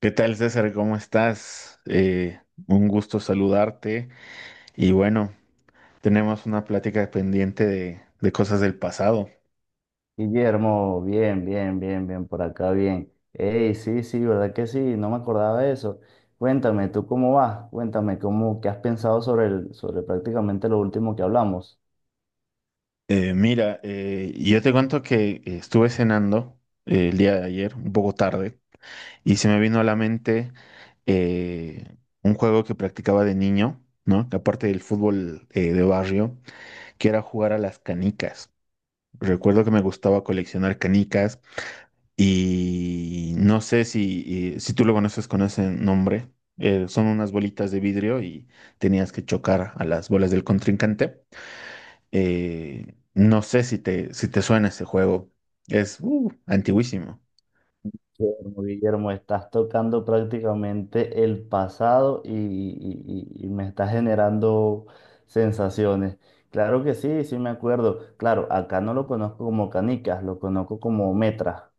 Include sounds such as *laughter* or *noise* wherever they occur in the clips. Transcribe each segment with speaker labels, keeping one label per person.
Speaker 1: ¿Qué tal, César? ¿Cómo estás? Un gusto saludarte. Y bueno, tenemos una plática pendiente de cosas del pasado.
Speaker 2: Guillermo, bien, bien, bien, bien, por acá, bien. Ey, sí, sí, ¿verdad que sí? No me acordaba de eso. Cuéntame, ¿tú cómo vas? Cuéntame, ¿qué has pensado sobre sobre prácticamente lo último que hablamos?
Speaker 1: Mira, yo te cuento que estuve cenando el día de ayer, un poco tarde, y se me vino a la mente eh, un juego que practicaba de niño, ¿no? Aparte del fútbol de barrio, que era jugar a las canicas. Recuerdo que me gustaba coleccionar canicas. Y no sé si tú lo conoces con ese nombre. Son unas bolitas de vidrio y tenías que chocar a las bolas del contrincante. No sé si te suena ese juego. Es antiguísimo.
Speaker 2: Guillermo, Guillermo, estás tocando prácticamente el pasado y me estás generando sensaciones. Claro que sí, sí me acuerdo. Claro, acá no lo conozco como canicas, lo conozco como metra.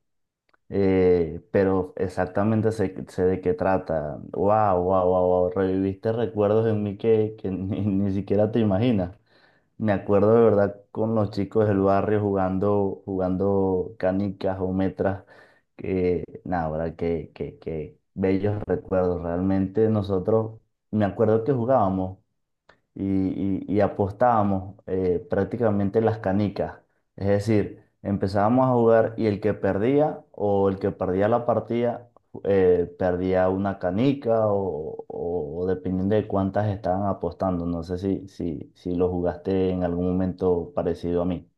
Speaker 2: Pero exactamente sé, sé de qué trata. Wow, wow, wow, wow. Reviviste recuerdos en mí que *laughs* ni siquiera te imaginas. Me acuerdo de verdad con los chicos del barrio jugando canicas o metras. Que, nada, verdad, que bellos recuerdos. Realmente nosotros, me acuerdo que jugábamos y apostábamos prácticamente las canicas. Es decir, empezábamos a jugar y el que perdía la partida perdía una canica o dependiendo de cuántas estaban apostando. No sé si lo jugaste en algún momento parecido a mí.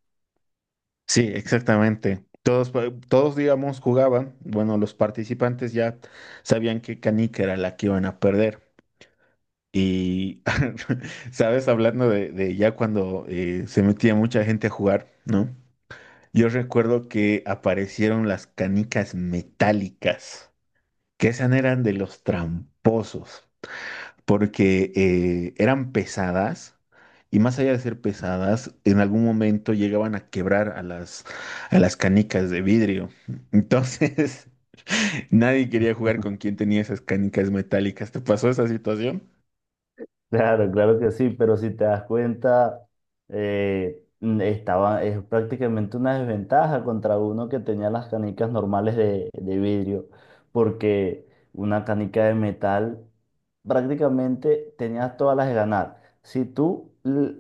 Speaker 1: Sí, exactamente. Todos, digamos, jugaban. Bueno, los participantes ya sabían qué canica era la que iban a perder. Y, *laughs* ¿sabes? Hablando de ya cuando se metía mucha gente a jugar, ¿no? Yo recuerdo que aparecieron las canicas metálicas, que esas eran de los tramposos, porque eran pesadas y más allá de ser pesadas, en algún momento llegaban a quebrar a las canicas de vidrio. Entonces, *laughs* nadie quería jugar con quien tenía esas canicas metálicas. ¿Te pasó esa situación?
Speaker 2: Claro, claro que sí, pero si te das cuenta, es prácticamente una desventaja contra uno que tenía las canicas normales de vidrio, porque una canica de metal prácticamente tenías todas las de ganar. Si tú l-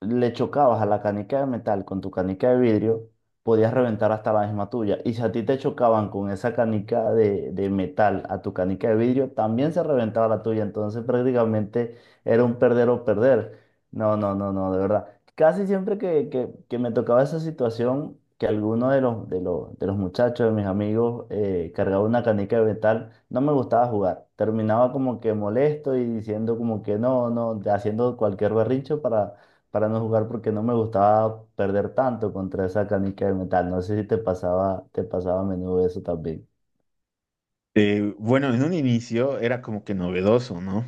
Speaker 2: Le chocabas a la canica de metal con tu canica de vidrio, podías reventar hasta la misma tuya. Y si a ti te chocaban con esa canica de metal a tu canica de vidrio, también se reventaba la tuya. Entonces prácticamente era un perder o perder. No, no, no, no, de verdad. Casi siempre que me tocaba esa situación, que alguno de los muchachos, de mis amigos, cargaba una canica de metal, no me gustaba jugar. Terminaba como que molesto y diciendo como que no, no, haciendo cualquier berrincho para no jugar porque no me gustaba perder tanto contra esa canica de metal. No sé si te pasaba, te pasaba a menudo eso también.
Speaker 1: Bueno, en un inicio era como que novedoso, ¿no?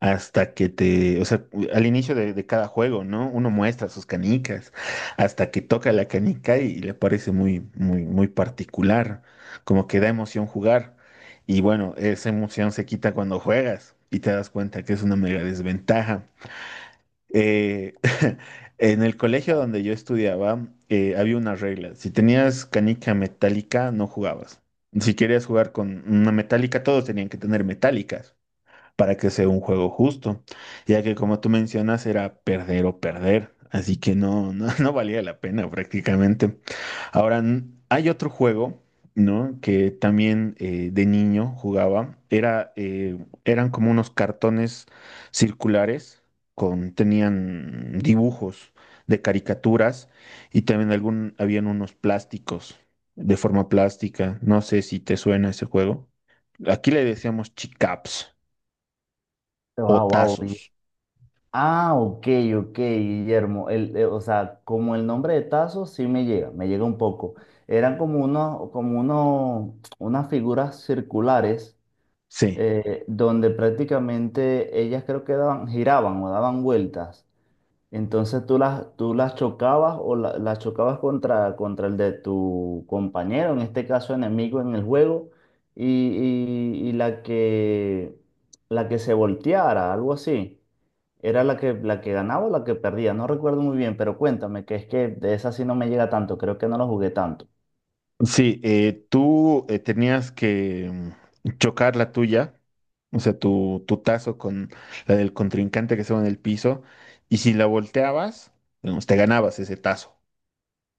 Speaker 1: Hasta que te, o sea, al inicio de cada juego, ¿no? Uno muestra sus canicas hasta que toca la canica y le parece muy, muy, muy particular, como que da emoción jugar. Y bueno, esa emoción se quita cuando juegas y te das cuenta que es una mega desventaja. Eh, *laughs* en el colegio donde yo estudiaba, había una regla. Si tenías canica metálica, no jugabas. Si querías jugar con una metálica, todos tenían que tener metálicas para que sea un juego justo, ya que como tú mencionas era perder o perder, así que no, no, *laughs* no valía la pena prácticamente. Ahora, hay otro juego, ¿no? Que también de niño jugaba, era, eran como unos cartones circulares con, tenían dibujos de caricaturas y también algún, habían unos plásticos de forma plástica, no sé si te suena ese juego. Aquí le decíamos chicaps. O
Speaker 2: Wow, wow.
Speaker 1: tazos.
Speaker 2: Ah, ok, ok, Guillermo. O sea, como el nombre de tazo sí me llega un poco. Eran como unos, unas figuras circulares
Speaker 1: Sí,
Speaker 2: donde prácticamente ellas creo que daban, giraban o daban vueltas. Entonces tú las chocabas o las chocabas contra, contra el de tu compañero, en este caso enemigo en el juego, y la que se volteara, algo así, era la que ganaba o la que perdía. No recuerdo muy bien, pero cuéntame, que es que de esa sí no me llega tanto, creo que no lo jugué tanto.
Speaker 1: sí, tú tenías que chocar la tuya, o sea, tu tazo con la del contrincante que estaba en el piso, y si la volteabas, digamos, te ganabas ese tazo.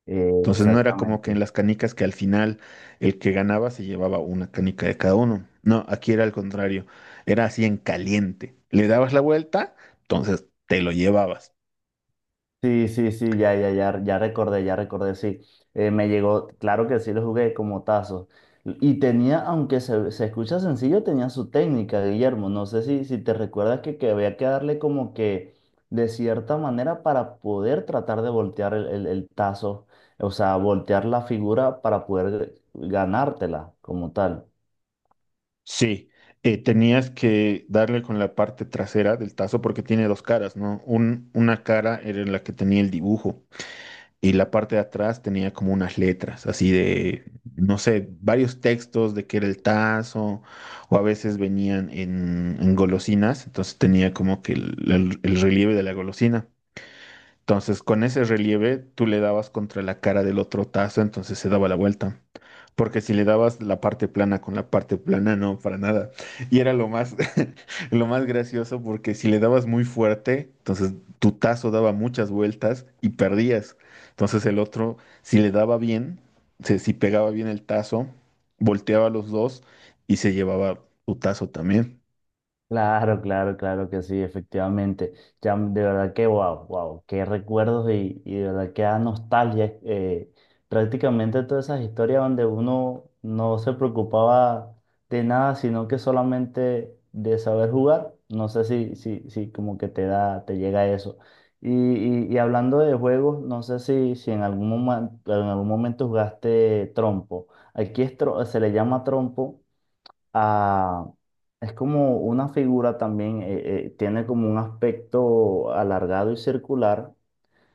Speaker 1: Entonces no era como que en
Speaker 2: Exactamente.
Speaker 1: las canicas que al final el que ganaba se llevaba una canica de cada uno. No, aquí era al contrario, era así en caliente. Le dabas la vuelta, entonces te lo llevabas.
Speaker 2: Sí, sí, sí, ya, ya, ya, ya recordé, sí. Me llegó, claro que sí lo jugué como tazo. Y tenía, aunque se escucha sencillo, tenía su técnica, Guillermo. No sé si te recuerdas que había que darle como que de cierta manera para poder tratar de voltear el tazo, o sea, voltear la figura para poder ganártela como tal.
Speaker 1: Sí, tenías que darle con la parte trasera del tazo porque tiene dos caras, ¿no? Una cara era la que tenía el dibujo y la parte de atrás tenía como unas letras, así de, no sé, varios textos de qué era el tazo o a veces venían en golosinas, entonces tenía como que el relieve de la golosina. Entonces con ese relieve tú le dabas contra la cara del otro tazo, entonces se daba la vuelta. Porque si le dabas la parte plana con la parte plana, no, para nada. Y era lo más, *laughs* lo más gracioso porque si le dabas muy fuerte, entonces tu tazo daba muchas vueltas y perdías. Entonces el otro, si le daba bien, si pegaba bien el tazo, volteaba los dos y se llevaba tu tazo también.
Speaker 2: Claro, claro, claro que sí, efectivamente. Ya, de verdad que wow, wow, qué recuerdos y de verdad que da nostalgia. Prácticamente todas esas historias donde uno no se preocupaba de nada, sino que solamente de saber jugar. No sé si como que te da, te llega eso. Y hablando de juegos, no sé si, si en algún momento jugaste trompo. Aquí es se le llama trompo, ah, es como una figura también, tiene como un aspecto alargado y circular,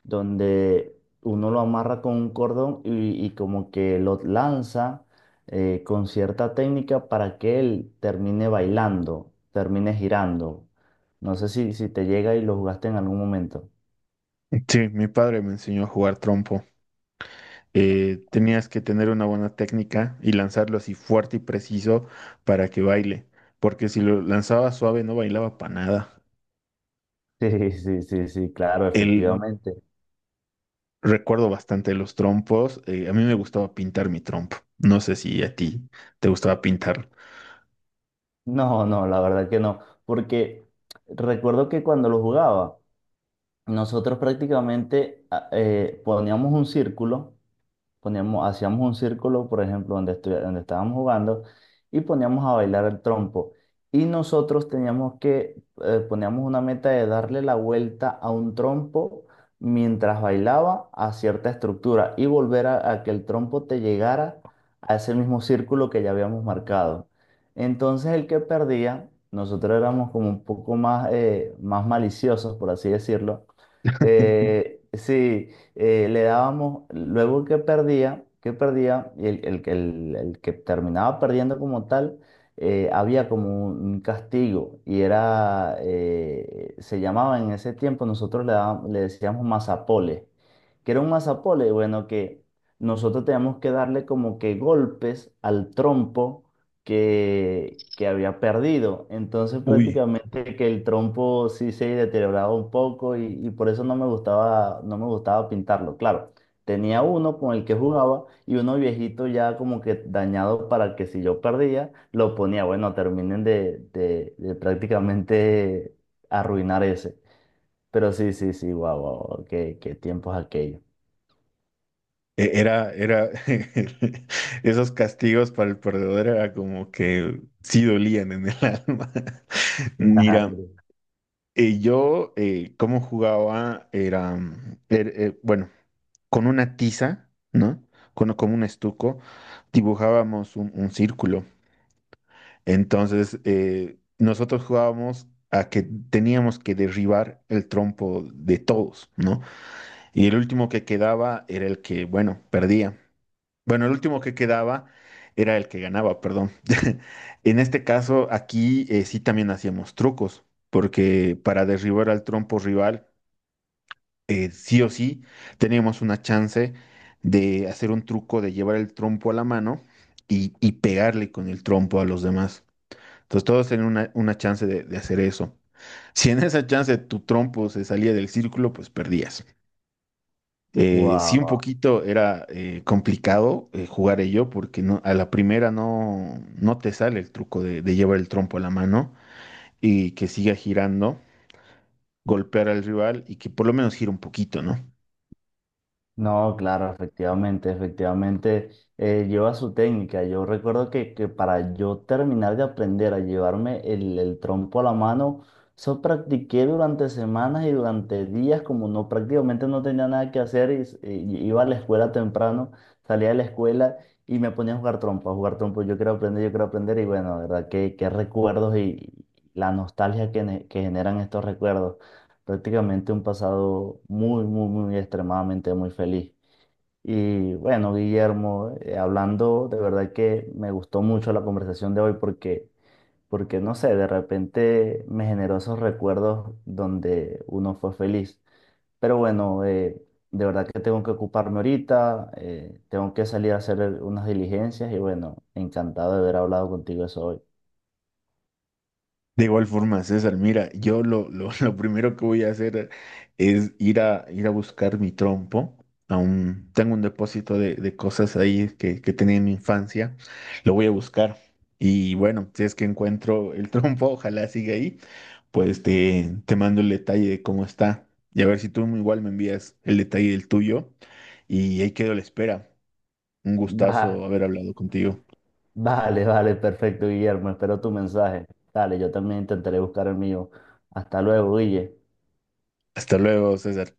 Speaker 2: donde uno lo amarra con un cordón y como que lo lanza con cierta técnica para que él termine bailando, termine girando. No sé si te llega y lo jugaste en algún momento. *laughs*
Speaker 1: Sí, mi padre me enseñó a jugar trompo. Tenías que tener una buena técnica y lanzarlo así fuerte y preciso para que baile, porque si lo lanzaba suave no bailaba para nada.
Speaker 2: Sí, sí, sí, sí, claro,
Speaker 1: El,
Speaker 2: efectivamente.
Speaker 1: recuerdo bastante los trompos, a mí me gustaba pintar mi trompo, no sé si a ti te gustaba pintar.
Speaker 2: No, no, la verdad que no, porque recuerdo que cuando lo jugaba, nosotros prácticamente a- poníamos un círculo poníamos, hacíamos un círculo, por ejemplo, donde estábamos jugando y poníamos a bailar el trompo. Y nosotros teníamos que, poníamos una meta de darle la vuelta a un trompo mientras bailaba a cierta estructura y volver a que el trompo te llegara a ese mismo círculo que ya habíamos marcado. Entonces el que perdía, nosotros éramos como un poco más, más maliciosos, por así decirlo.
Speaker 1: *laughs*
Speaker 2: Eh, sí Le dábamos, luego que perdía, el que terminaba perdiendo como tal, había como un castigo y era, se llamaba en ese tiempo, nosotros le decíamos mazapole, que era un mazapole, bueno, que nosotros teníamos que darle como que golpes al trompo que había perdido. Entonces
Speaker 1: Uy,
Speaker 2: prácticamente que el trompo sí se deterioraba un poco y por eso no me gustaba, no me gustaba pintarlo. Claro, tenía uno con el que jugaba y uno viejito ya como que dañado para que si yo perdía, lo ponía. Bueno, terminen de prácticamente arruinar ese. Pero sí, sí, sí, guau, guau, guau, qué tiempos aquellos.
Speaker 1: era, *laughs* esos castigos para el perdedor era como que sí dolían en el *laughs* alma. Mira,
Speaker 2: Claro.
Speaker 1: yo cómo jugaba era, bueno. Con una tiza, ¿no? Con un estuco, dibujábamos un círculo. Entonces, nosotros jugábamos a que teníamos que derribar el trompo de todos, ¿no? Y el último que quedaba era el que, bueno, perdía. Bueno, el último que quedaba era el que ganaba, perdón. *laughs* En este caso, aquí sí también hacíamos trucos, porque para derribar al trompo rival, sí o sí teníamos una chance de hacer un truco de llevar el trompo a la mano y pegarle con el trompo a los demás. Entonces todos tenían una chance de hacer eso. Si en esa chance tu trompo se salía del círculo, pues perdías. Sí, un
Speaker 2: Wow.
Speaker 1: poquito era complicado jugar ello porque no, a la primera no, no te sale el truco de llevar el trompo a la mano y que siga girando, golpear al rival y que por lo menos gire un poquito, ¿no?
Speaker 2: No, claro, efectivamente, efectivamente, lleva su técnica. Yo recuerdo que para yo terminar de aprender a llevarme el trompo a la mano, eso practiqué durante semanas y durante días, como no prácticamente no tenía nada que hacer y iba a la escuela temprano, salía de la escuela y me ponía a jugar trompo, a jugar trompo. Yo quiero aprender y bueno, de verdad, qué recuerdos y la nostalgia que generan estos recuerdos prácticamente un pasado muy, muy, muy extremadamente muy feliz. Y bueno, Guillermo, hablando, de verdad que me gustó mucho la conversación de hoy porque no sé, de repente me generó esos recuerdos donde uno fue feliz. Pero bueno, de verdad que tengo que ocuparme ahorita, tengo que salir a hacer unas diligencias y bueno, encantado de haber hablado contigo eso hoy.
Speaker 1: De igual forma, César, mira, yo *laughs* lo primero que voy a hacer es ir ir a buscar mi trompo. Aún tengo un depósito de cosas ahí que tenía en mi infancia. Lo voy a buscar. Y bueno, si es que encuentro el trompo, *laughs* ojalá siga ahí, pues te mando el detalle de cómo está. Y a ver si tú igual me envías el detalle del tuyo. Y ahí quedo a la espera. Un
Speaker 2: Va-
Speaker 1: gustazo haber hablado contigo.
Speaker 2: Vale, vale, perfecto, Guillermo. Espero tu mensaje. Dale, yo también intentaré buscar el mío. Hasta luego, Guille.
Speaker 1: Hasta luego, César.